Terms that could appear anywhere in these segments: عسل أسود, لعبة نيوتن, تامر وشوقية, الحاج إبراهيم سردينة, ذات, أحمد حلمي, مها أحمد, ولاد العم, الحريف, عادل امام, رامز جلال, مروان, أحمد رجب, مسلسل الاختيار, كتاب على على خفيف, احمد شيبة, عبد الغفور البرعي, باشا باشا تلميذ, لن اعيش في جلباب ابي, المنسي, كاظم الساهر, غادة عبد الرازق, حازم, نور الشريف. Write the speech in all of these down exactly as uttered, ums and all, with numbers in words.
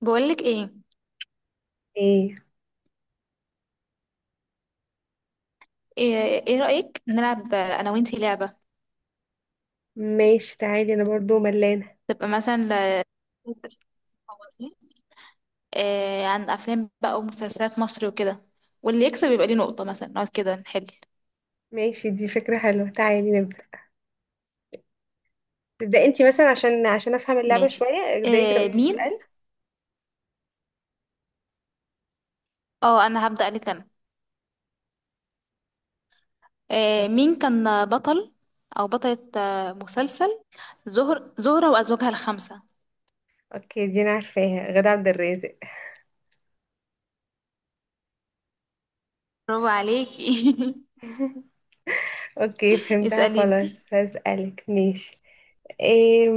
بقولك ايه. ايه. ايه. إيه رأيك نلعب انا وانتي لعبة؟ ماشي، تعالي انا برضو ملانة. تبقى مثلا إيه عن افلام بقى ومسلسلات مصر وكده، واللي يكسب يبقى ليه نقطة مثلا، نقعد كده نحل. ماشي، دي فكرة حلوة، تعالي نبدأ. تبدأ انتي مثلا عشان عشان افهم اللعبة ماشي. شوية، ابدأي كده إيه قولي لي مين؟ سؤال. اه انا هبدأ لك انا. إيه مين كان بطل او بطلة آه، مسلسل زهر زهرة وازواجها الخمسة؟ اوكي، دي انا عارفاها، غادة عبد الرازق. برافو عليكي. اوكي فهمتها خلاص، اسأليني. هسألك ماشي؟ ايه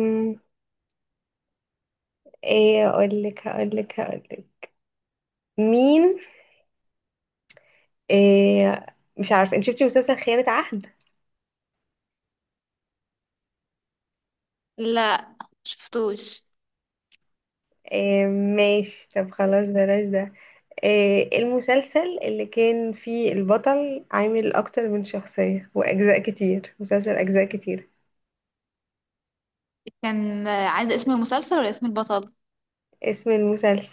ايه اقولك، هقولك هقولك. مين؟ ايه. مش عارفة، انت شفتي مسلسل خيانة عهد؟ لا شفتوش. ايه، ماشي، طب خلاص بلاش ده. آه، المسلسل اللي كان فيه البطل عامل أكتر من شخصية وأجزاء كتير، مسلسل أجزاء كتير. كان آه، عايزة اسم المسلسل ولا اسم البطل؟ اسم المسلسل.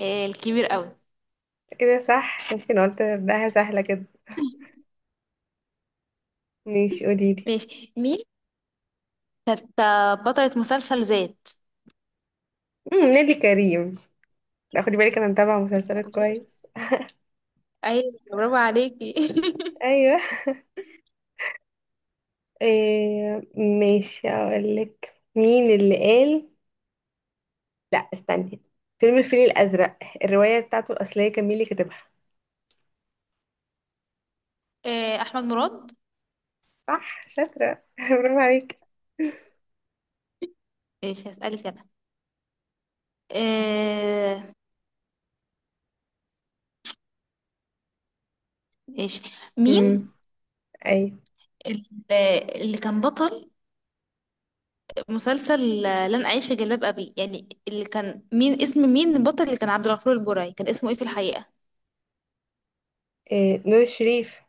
إيه الكبير قوي. كده صح، ممكن قلت أبدأها سهلة كده. ماشي، قوليلي. ماشي مين؟ كانت آه، بطلة مسلسل ذات. مم، نيلي كريم. لا، خدي بالك أنا متابعة مسلسلات كويس. ايوه برافو عليكي. أيوه. آه، ماشي، أقولك مين اللي قال. لا، استني. فيلم الفيل الأزرق، الرواية بتاعته الأصلية كان مين اللي كاتبها؟ آه، احمد مراد. صح شاطرة، برافو عليك. ماشي هسألك انا. آه، ماشي. مين؟ مم. أيوه. ال- اللي كان بطل مسلسل لن اعيش في جلباب ابي، يعني اللي كان مين، اسم مين البطل اللي كان عبد الغفور البرعي، كان اسمه ايه في الحقيقة؟ إيه، نور الشريف.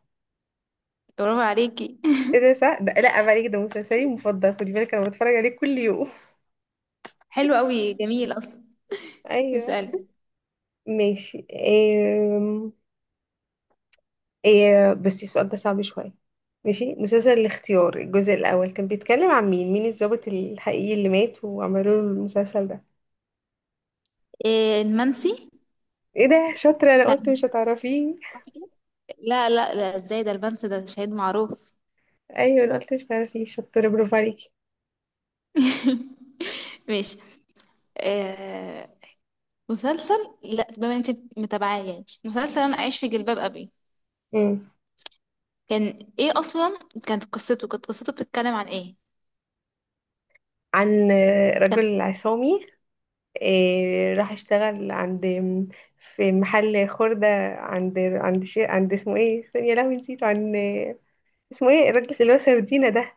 برافو عليكي. ايه ده صح، ده لا عيب عليك، ده مسلسلي المفضل، خدي بالك انا بتفرج عليه كل يوم. حلو قوي، جميل اصلا. ايوه. اسألي. ماشي. إيه... إيه... بس السؤال ده صعب شويه. ماشي، مسلسل الاختيار الجزء الاول كان بيتكلم عن مين مين الضابط الحقيقي اللي مات وعملوا له المسلسل ده؟ آه، المنسي. ايه ده شاطره، انا قلت كان، مش هتعرفيه. لا لا لا، ازاي ده المنسي ده شهيد معروف. ايوه انا قلت مش هتعرفيه، شاطره، برافو عليكي. ماشي. آه مسلسل، لا بما انت متابعاه يعني، مسلسل انا عايش في جلباب ابي، أمم. كان ايه اصلا، كانت قصته كانت قصته بتتكلم عن ايه؟ عن آه، كان رجل عصامي. إيه راح اشتغل عند، في محل خردة، عند عند شي، عند اسمه ايه، استني يا لهوي نسيته، عن اسمه ايه الراجل اللي هو سردينة ده،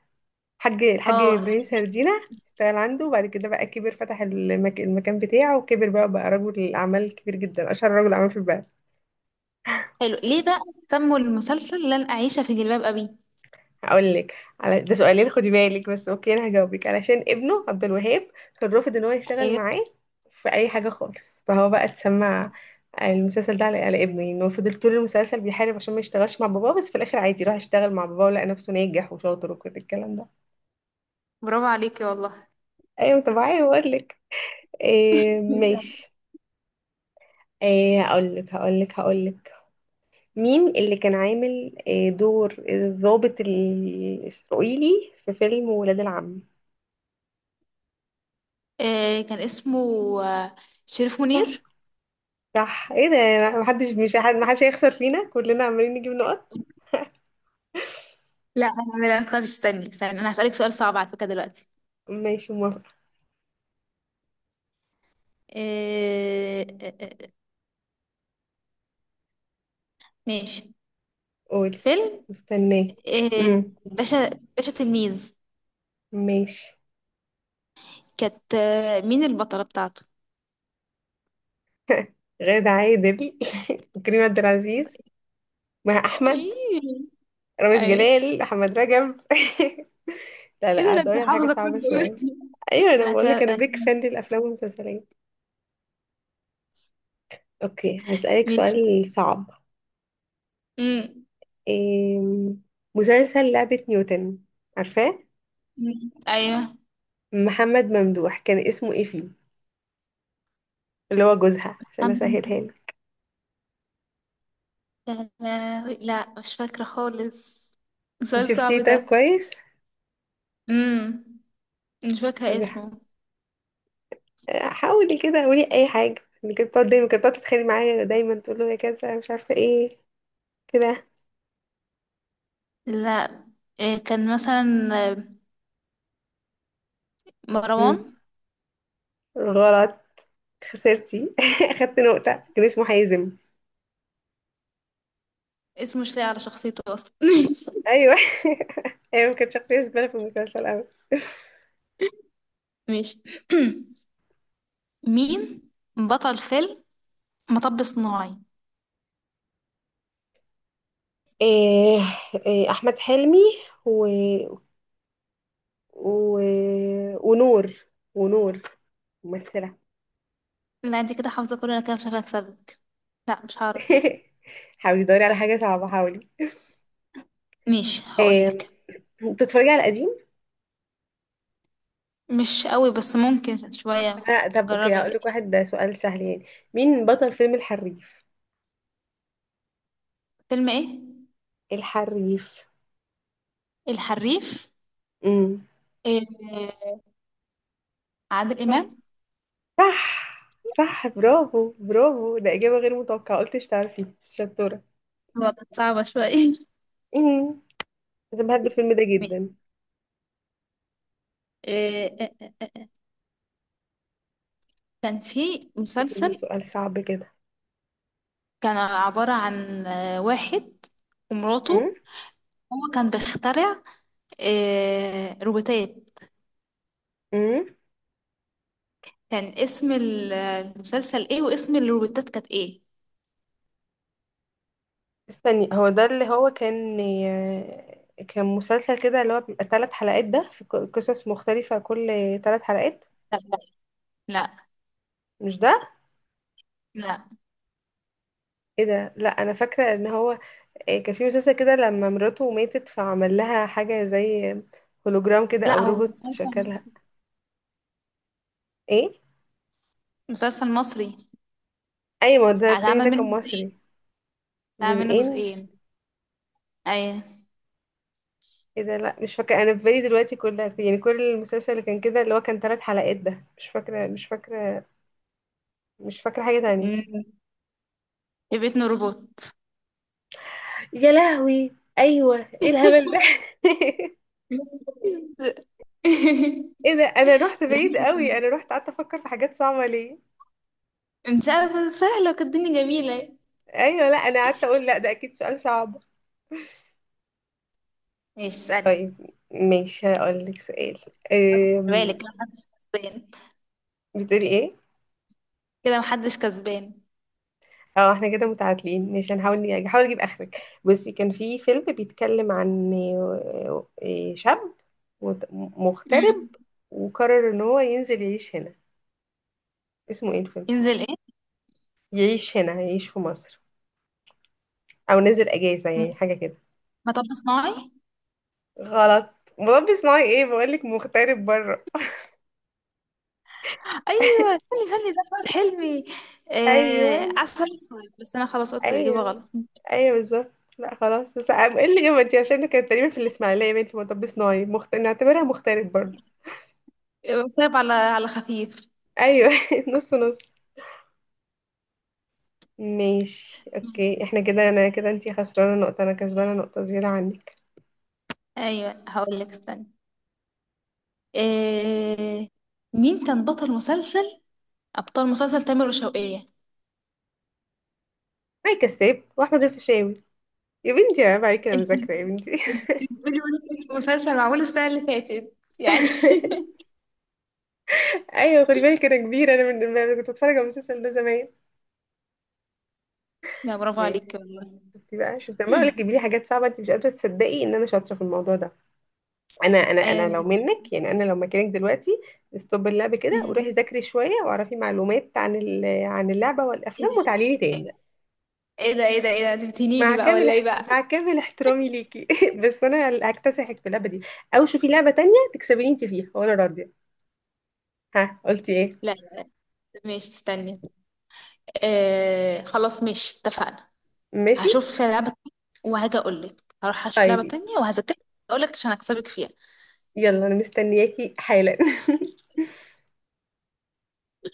الحاج الحاج اه ابراهيم صديق. سردينة. اشتغل عنده وبعد كده بقى كبر، فتح المك... المكان بتاعه وكبر، بقى بقى رجل اعمال كبير جدا، اشهر رجل اعمال في البلد. حلو، ليه بقى سموا المسلسل لن اعيش في جلباب ابي؟ هقول لك، على ده سؤالين خدي بالك، بس اوكي انا هجاوبك. علشان ابنه عبد الوهاب كان رافض ان هو يشتغل ايوه معاه في اي حاجه خالص، فهو بقى اتسمع المسلسل ده على على ابنه. يعني هو فضل طول المسلسل بيحارب عشان ما يشتغلش مع باباه، بس في الاخر عادي راح يشتغل مع باباه ولقى نفسه ناجح وشاطر وكل الكلام ده. برافو عليكي والله. ايوه طبيعي. هقول لك. إيه اسألي. ماشي. إيه هقول لك هقول لك هقول لك مين اللي كان عامل إيه دور الضابط الاسرائيلي في فيلم ولاد العم؟ آه كان اسمه آه، شريف منير. صح. ايه ده محدش، مش حد محدش هيخسر فينا، كلنا عمالين نجيب نقط. لا انا، لا تخافي، استني استني، انا هسألك سؤال صعب على فكرة دلوقتي. ماشي موافقة. آه آه، آه، ماشي. قولي. فيلم مستنيه. إيه، امم. باشا، باشا تلميذ، ماشي. كانت آه، مين البطلة بتاعته؟ غادة عادل. كريم عبد العزيز. مها احمد. ايه. رامز ايه. جلال احمد رجب. لا ايه ده، لا، ده انت هدوري على حاجة حافظه صعبة كله. شوية. ايوه انا انا بقول كده لك، انا أنا كده- بيك فان للافلام والمسلسلات. اوكي هسألك مش سؤال صعب. مم. إيه. مسلسل لعبة نيوتن، عارفاه؟ مم. ايوه محمد ممدوح كان اسمه ايه فيه، اللي هو جوزها، عشان اسهلها حمزة. لك. يا لهوي. لا مش فاكرة خالص، سؤال صعب شفتيه؟ طيب ده. كويس. امم مش طب فاكرة اسمه. حاولي كده قولي اي حاجه. اللي كانت بتقعد دايما، كانت بتقعد تتخانق معايا دايما، تقول له يا كذا مش عارفه ايه كده. لا، إيه، كان مثلا آه، مروان. مم. غلط. خسرتي. اخدت نقطه، كان اسمه حازم. اسمه مش لاقي على شخصيته اصلا. ماشي. ايوه. ايوه كانت شخصيه زباله في المسلسل قوي. ماشي. مين بطل فيلم مطب صناعي؟ إيه إيه احمد حلمي، و... و... ونور ونور ممثله. لا انت كده حافظة كله، انا كده مش هكسبك سبك، لا مش هعرف كده. حاولي دوري على حاجه صعبه، حاولي. ماشي إيه هقولك. بتتفرجي على القديم؟ مش قوي بس ممكن شوية. آه، طب اوكي هقول جربي. لك واحد، ده سؤال سهل يعني. مين بطل فيلم الحريف؟ فيلم ايه؟ الحريف. الحريف. امم. إيه عادل صح امام. صح صح، برافو برافو. ده إجابة غير متوقعة، قلتش تعرفي بس شطورة. هو كانت صعبة شوية. امم. انا بحب الفيلم ده ماشي. جدا. إيه كان في شوفي لي مسلسل، سؤال صعب كده. كان عبارة عن آه، واحد امم ومراته، هو كان بيخترع آه، روبوتات، امم كان اسم ال- المسلسل ايه، واسم الروبوتات كانت ايه؟ استني، هو ده اللي هو كان، كان مسلسل كده اللي هو بيبقى ثلاث حلقات، ده في ق- قصص مختلفة كل ثلاث حلقات. لا لا مش ده؟ لا ايه ده لا انا فاكرة ان هو، آه، كان في مسلسل كده لما مراته ماتت فعمل لها حاجة زي هولوجرام كده لا او هو روبوت مسلسل شكلها. مصري. ايه. مسلسل مصري. ايوه ده التاني هتعمل ده منه كان جزئين. مصري. هتعمل منه جزئين. جزئين. ايوه. ايه ده لا مش فاكره، انا في بالي دلوقتي كلها يعني، كل المسلسل اللي كان كده اللي هو كان ثلاث حلقات ده مش فاكره. مش فاكره مش فاكره حاجه تانية. أمم. في بيت روبوت. يا لهوي. ايوه. ايه الهبل ده. ايه ده، انا رحت بعيد قوي، انا رحت قعدت افكر في حاجات صعبه ليه. مش عارفة، سهلة، وكانت الدنيا جميلة. ايوه. لا انا قعدت اقول لا ده اكيد سؤال صعب. ماشي اسألي. طيب ماشي هقول لك سؤال. خد أم، بالك كده محدش كسبان. بتقولي ايه؟ كده محدش كسبان. اه، احنا كده متعادلين، مش هنحاول نج- هحاول اجيب اخرك. بصي، كان في فيلم بيتكلم عن آه، آه، شاب مت- مغترب أمم. وقرر ان هو ينزل يعيش هنا. اسمه ايه الفيلم؟ ينزل ايه؟ يعيش هنا، يعيش في مصر او نزل اجازة يعني حاجة كده. مطب صناعي. غلط. مربي صناعي؟ ايه بقولك مغترب بره. أيوة استني استني، ده أحمد حلمي. آه ايوه عسل أسود، بس أنا خلاص قلت الإجابة ايوه غلط. ايوه بالظبط. لا خلاص بس أم- ايه اللي جابتي، عشان كانت تقريبا في الاسماعيليه باين في مطب صناعي، مخت... نعتبرها مغترب برضه. كتاب على على خفيف. ايوه. نص نص. ماشي اوكي، احنا كده، انا كده انتي خسرانه نقطه، انا كسبانه نقطه زياده عنك. ايوه هقول لك استنى. إيه، مين كان بطل مسلسل، ابطال مسلسل تامر وشوقية؟ معي كساب واحمد الفيشاوي. يا بنتي عيب عليكي، انا معايا كده انت، مذاكره يا بنتي. انت بتقولي وانا كنت في مسلسل معمول السنة اللي فاتت يعني. ايوه خدي بالك انا كبيره، انا من أنا كنت بتفرج على المسلسل ده زمان. لا برافو عليك ماشي. والله. شفتي بقى، شفتي لما اقول لك مم. جيبي لي حاجات صعبه، انت مش قادره تصدقي ان انا شاطره في الموضوع ده. انا انا انا ايوه. لو منك يعني، انا لو مكانك دلوقتي، استوب اللعب كده وروحي أمم. ذاكري شويه واعرفي معلومات عن ال- عن اللعبه ايه والافلام، ده، وتعالي لي ايه تاني. ده، ايه ده، ايه ده، ايه ده، انت بتهنيني مع بقى كامل ولا ايه احت... بقى؟ مع كامل احترامي ليكي، بس انا اللي هكتسحك في اللعبه دي، او شوفي لعبه تانية تكسبيني انت فيها وانا راضيه. ها قلتي ايه؟ لا لا. ماشي استني. آه خلاص ماشي اتفقنا. ماشي، هشوف لعبة، وهاجي اقول لك، هروح اشوف لعبة طيب. تانية وهذاكر، اقول لك عشان اكسبك فيها. يلا انا مستنياكي حالا.